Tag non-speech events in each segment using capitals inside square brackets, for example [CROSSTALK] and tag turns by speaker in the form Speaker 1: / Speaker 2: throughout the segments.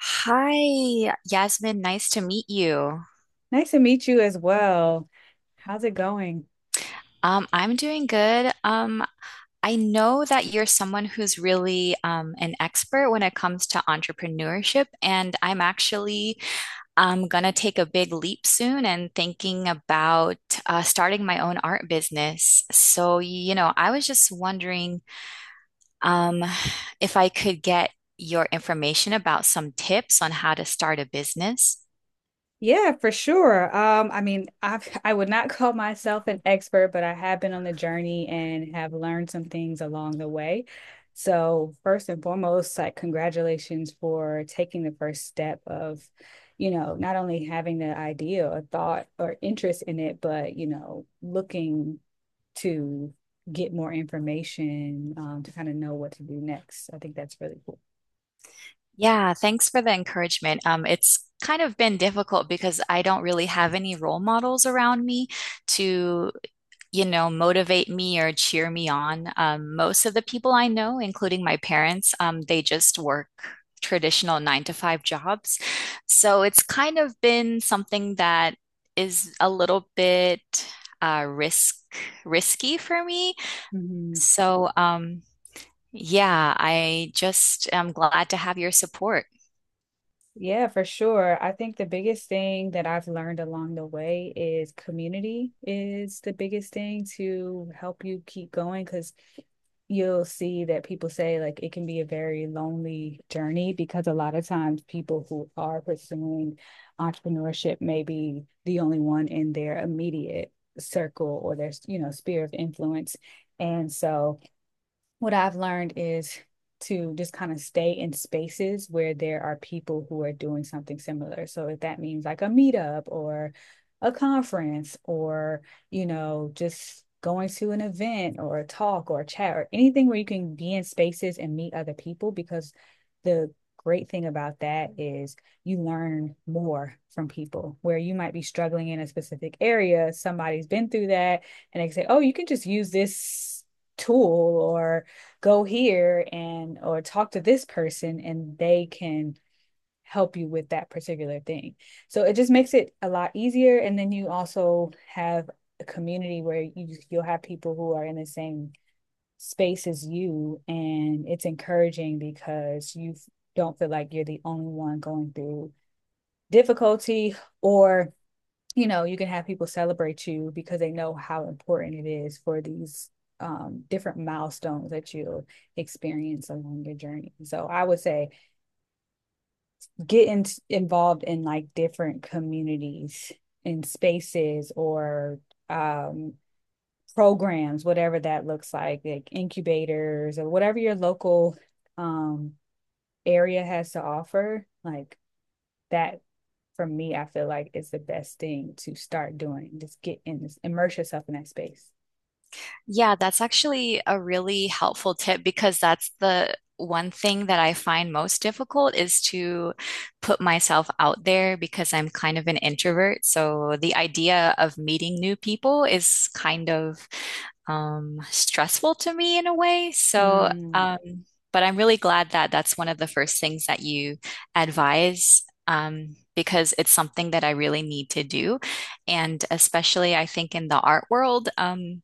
Speaker 1: Hi, Yasmin. Nice to meet you.
Speaker 2: Nice to meet you as well. How's it going?
Speaker 1: I'm doing good. I know that you're someone who's really an expert when it comes to entrepreneurship, and I'm actually gonna take a big leap soon and thinking about starting my own art business. So, you know, I was just wondering um, if I could get your information about some tips on how to start a business.
Speaker 2: Yeah, for sure. I mean, I've [LAUGHS] I would not [LAUGHS] call myself an expert, but I have been on the journey and have learned some things along the way. So first and foremost, like congratulations for taking the first step of, you know, not only having the idea or thought or interest in it, but, you know, looking to get more information, to kind of know what to do next. I think that's really cool.
Speaker 1: Yeah, thanks for the encouragement. It's kind of been difficult because I don't really have any role models around me to, you know, motivate me or cheer me on. Most of the people I know, including my parents, they just work traditional nine to five jobs. So it's kind of been something that is a little bit uh, risk risky for me.
Speaker 2: Mhm.
Speaker 1: So, yeah, I just am glad to have your support.
Speaker 2: Yeah, for sure. I think the biggest thing that I've learned along the way is community is the biggest thing to help you keep going because you'll see that people say like it can be a very lonely journey because a lot of times people who are pursuing entrepreneurship may be the only one in their immediate circle or their, you know, sphere of influence. And so what I've learned is to just kind of stay in spaces where there are people who are doing something similar. So if that means like a meetup or a conference or, you know, just going to an event or a talk or a chat or anything where you can be in spaces and meet other people because the great thing about that is you learn more from people where you might be struggling in a specific area, somebody's been through that and they say, oh, you can just use this tool or go here, and or talk to this person and they can help you with that particular thing. So it just makes it a lot easier, and then you also have a community where you'll have people who are in the same space as you, and it's encouraging because you don't feel like you're the only one going through difficulty, or you know, you can have people celebrate you because they know how important it is for these different milestones that you'll experience along your journey. So I would say involved in like different communities and spaces or um, programs, whatever that looks like incubators or whatever your local um, area has to offer. Like that, for me, I feel like it's the best thing to start doing. Just get in this, immerse yourself in that space.
Speaker 1: Yeah, that's actually a really helpful tip because that's the one thing that I find most difficult is to put myself out there because I'm kind of an introvert. So the idea of meeting new people is kind of stressful to me in a way. So,
Speaker 2: Mm.
Speaker 1: but I'm really glad that that's one of the first things that you advise, because it's something that I really need to do. And especially, I think in the art world,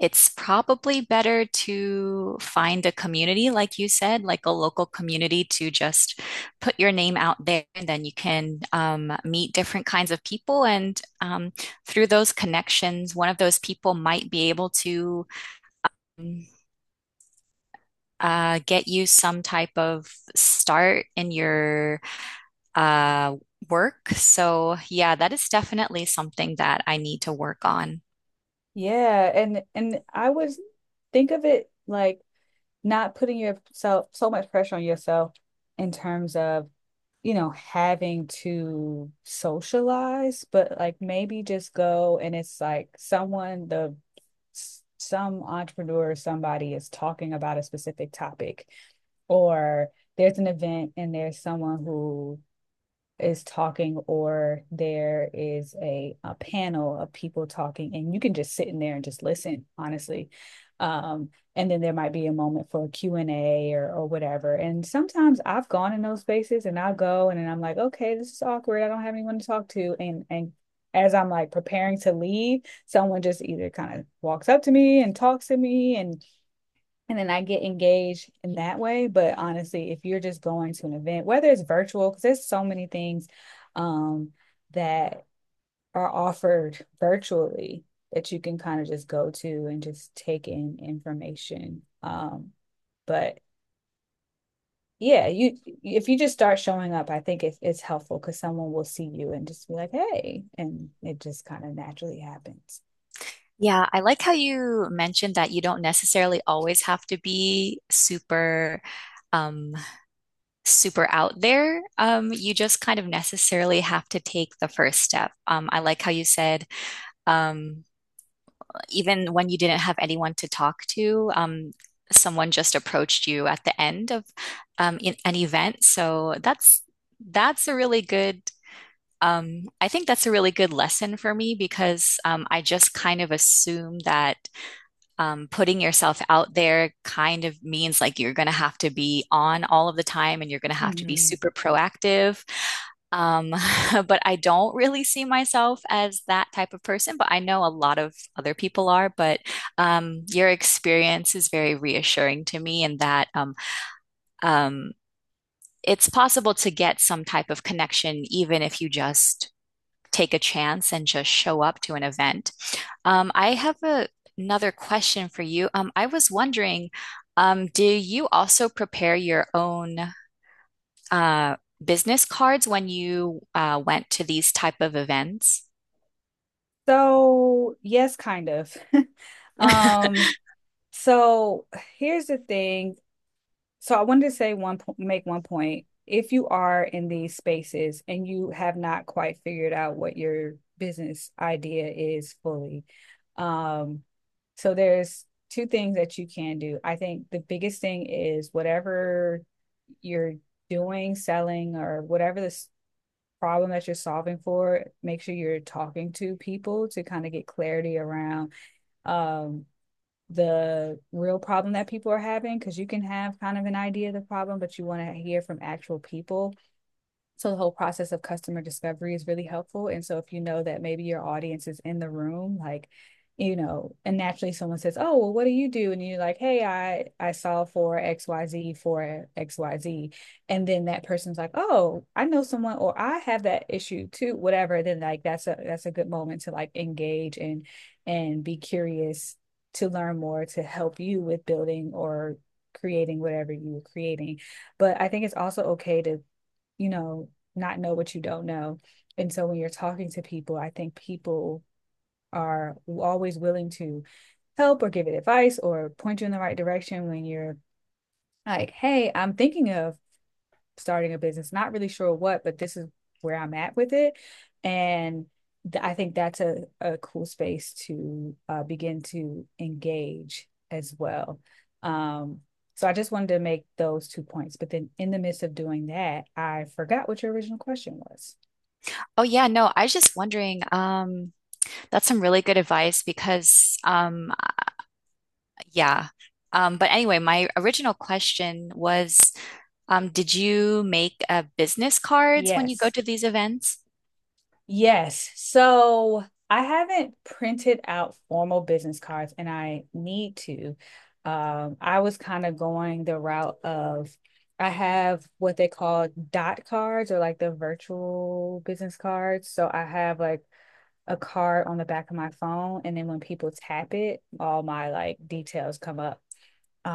Speaker 1: it's probably better to find a community, like you said, like a local community to just put your name out there, and then you can meet different kinds of people and through those connections, one of those people might be able to get you some type of start in your uh, work. So, yeah, that is definitely something that I need to work on.
Speaker 2: Yeah, and I was think of it like not putting yourself so much pressure on yourself in terms of, you know, having to socialize, but like maybe just go, and it's like some entrepreneur or somebody is talking about a specific topic, or there's an event and there's someone who is talking, or there is a panel of people talking, and you can just sit in there and just listen honestly. And then there might be a moment for a Q and A, or whatever. And sometimes I've gone in those spaces, and I'll go and then I'm like, okay, this is awkward, I don't have anyone to talk to, and as I'm like preparing to leave, someone just either kind of walks up to me and talks to me, and then I get engaged in that way. But honestly, if you're just going to an event, whether it's virtual, because there's so many things um, that are offered virtually that you can kind of just go to and just take in information. But yeah, you if you just start showing up, I think it's helpful because someone will see you and just be like, "Hey," and it just kind of naturally happens.
Speaker 1: Yeah, I like how you mentioned that you don't necessarily always have to be super um super out there. You just kind of necessarily have to take the first step. I like how you said um even when you didn't have anyone to talk to, someone just approached you at the end of in an event. So that's a really good. I think that's a really good lesson for me because I just kind of assume that putting yourself out there kind of means like you're going to have to be on all of the time and you're going to have to be
Speaker 2: Mm-hmm.
Speaker 1: super proactive. Um, [LAUGHS] but I don't really see myself as that type of person, but I know a lot of other people are. But your experience is very reassuring to me in that um, it's possible to get some type of connection, even if you just take a chance and just show up to an event. I have another question for you. I was wondering, do you also prepare your own uh, business cards when you went to these type of events?
Speaker 2: So yes, kind of. [LAUGHS] um So here's the thing. So I wanted to say make one point. If you are in these spaces and you have not quite figured out what your business idea is fully, um, so there's two things that you can do. I think the biggest thing is whatever you're doing, selling, or whatever this problem that you're solving for, make sure you're talking to people to kind of get clarity around um the real problem that people are having, because you can have kind of an idea of the problem, but you want to hear from actual people. So the whole process of customer discovery is really helpful. And so if you know that maybe your audience is in the room, like, you know, and naturally someone says, "Oh, well, what do you do?" And you're like, "Hey, I saw for XYZ for XYZ." And then that person's like, "Oh, I know someone, or I have that issue too, whatever." And then like that's a good moment to like engage and be curious to learn more, to help you with building or creating whatever you were creating. But I think it's also okay to, you know, not know what you don't know. And so when you're talking to people, I think people are always willing to help or give it advice or point you in the right direction when you're like, hey, I'm thinking of starting a business, not really sure what, but this is where I'm at with it. And I think that's a cool space to begin to engage as well. Um, so I just wanted to make those two points. But then in the midst of doing that, I forgot what your original question was.
Speaker 1: Oh yeah, no, I was just wondering. That's some really good advice because, yeah. But anyway, my original question was, did you make business cards when you go
Speaker 2: Yes.
Speaker 1: to these events?
Speaker 2: Yes. So I haven't printed out formal business cards, and I need to. I was kind of going the route of I have what they call dot cards, or like the virtual business cards. So I have like a card on the back of my phone, and then when people tap it, all my like details come up.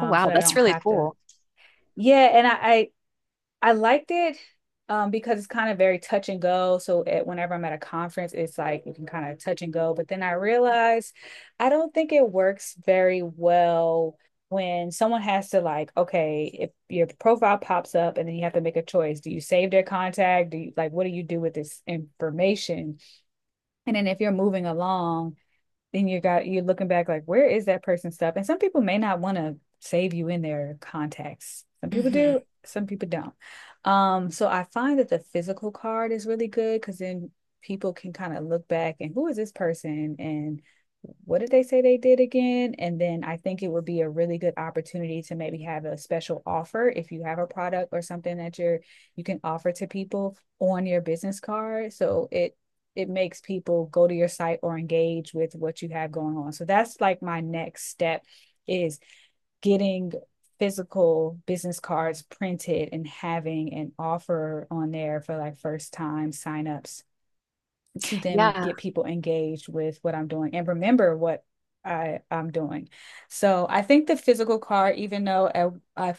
Speaker 1: Oh
Speaker 2: So
Speaker 1: wow,
Speaker 2: that I
Speaker 1: that's
Speaker 2: don't
Speaker 1: really
Speaker 2: have to.
Speaker 1: cool.
Speaker 2: Yeah, and I liked it because it's kind of very touch and go. So whenever I'm at a conference, it's like you can kind of touch and go. But then I realized I don't think it works very well when someone has to, like, okay, if your profile pops up and then you have to make a choice, do you save their contact? Do you like what do you do with this information? And then if you're moving along, then you are looking back like, where is that person's stuff? And some people may not want to save you in their contacts, some people
Speaker 1: Hmm.
Speaker 2: do, some people don't. So I find that the physical card is really good, because then people can kind of look back and, who is this person and what did they say they did again? And then I think it would be a really good opportunity to maybe have a special offer, if you have a product or something that you can offer to people on your business card, so it makes people go to your site or engage with what you have going on. So that's like my next step, is getting physical business cards printed and having an offer on there for like first time signups, to then
Speaker 1: Yeah.
Speaker 2: get people engaged with what I'm doing and remember what I'm doing. So I think the physical card, even though I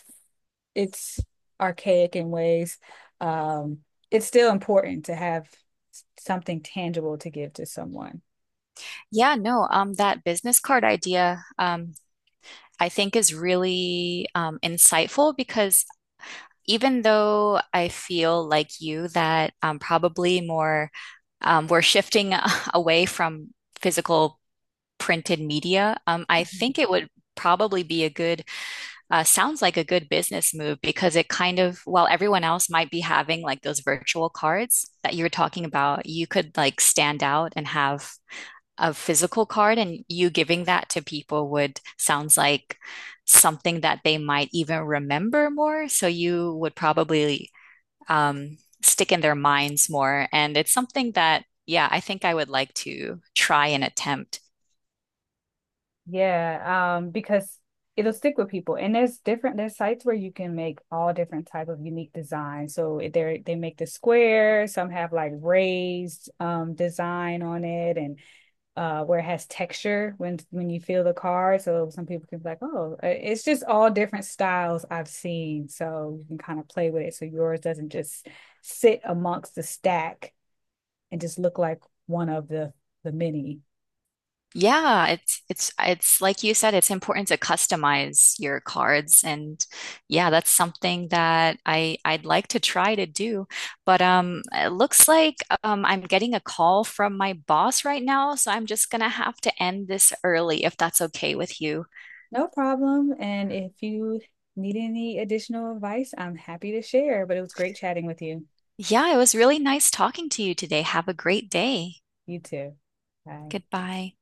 Speaker 2: it's archaic in ways. Um, it's still important to have something tangible to give to someone.
Speaker 1: Yeah, no, that business card idea, I think is really insightful because even though I feel like you that probably more we're shifting [LAUGHS] away from physical printed media, I
Speaker 2: Mhm.
Speaker 1: think it would probably be a sounds like a good business move because it kind of, while everyone else might be having like those virtual cards that you were talking about, you could like stand out and have a physical card and you giving that to people would sounds like something that they might even remember more. So you would probably stick in their minds more. And it's something that, yeah, I think I would like to try and attempt.
Speaker 2: Yeah, because it'll stick with people. And there's sites where you can make all different type of unique designs. So they make the square, some have like raised design on it, and where it has texture when you feel the card. So some people can be like, "Oh, it's just all different styles I've seen." So you can kind of play with it so yours doesn't just sit amongst the stack and just look like one of the many.
Speaker 1: Yeah, it's like you said, it's important to customize your cards and yeah, that's something that I'd like to try to do. But it looks like I'm getting a call from my boss right now, so I'm just gonna have to end this early if that's okay with you.
Speaker 2: No problem. And if you need any additional advice, I'm happy to share. But it was great chatting with you.
Speaker 1: Yeah, it was really nice talking to you today. Have a great day.
Speaker 2: You too. Bye.
Speaker 1: Goodbye.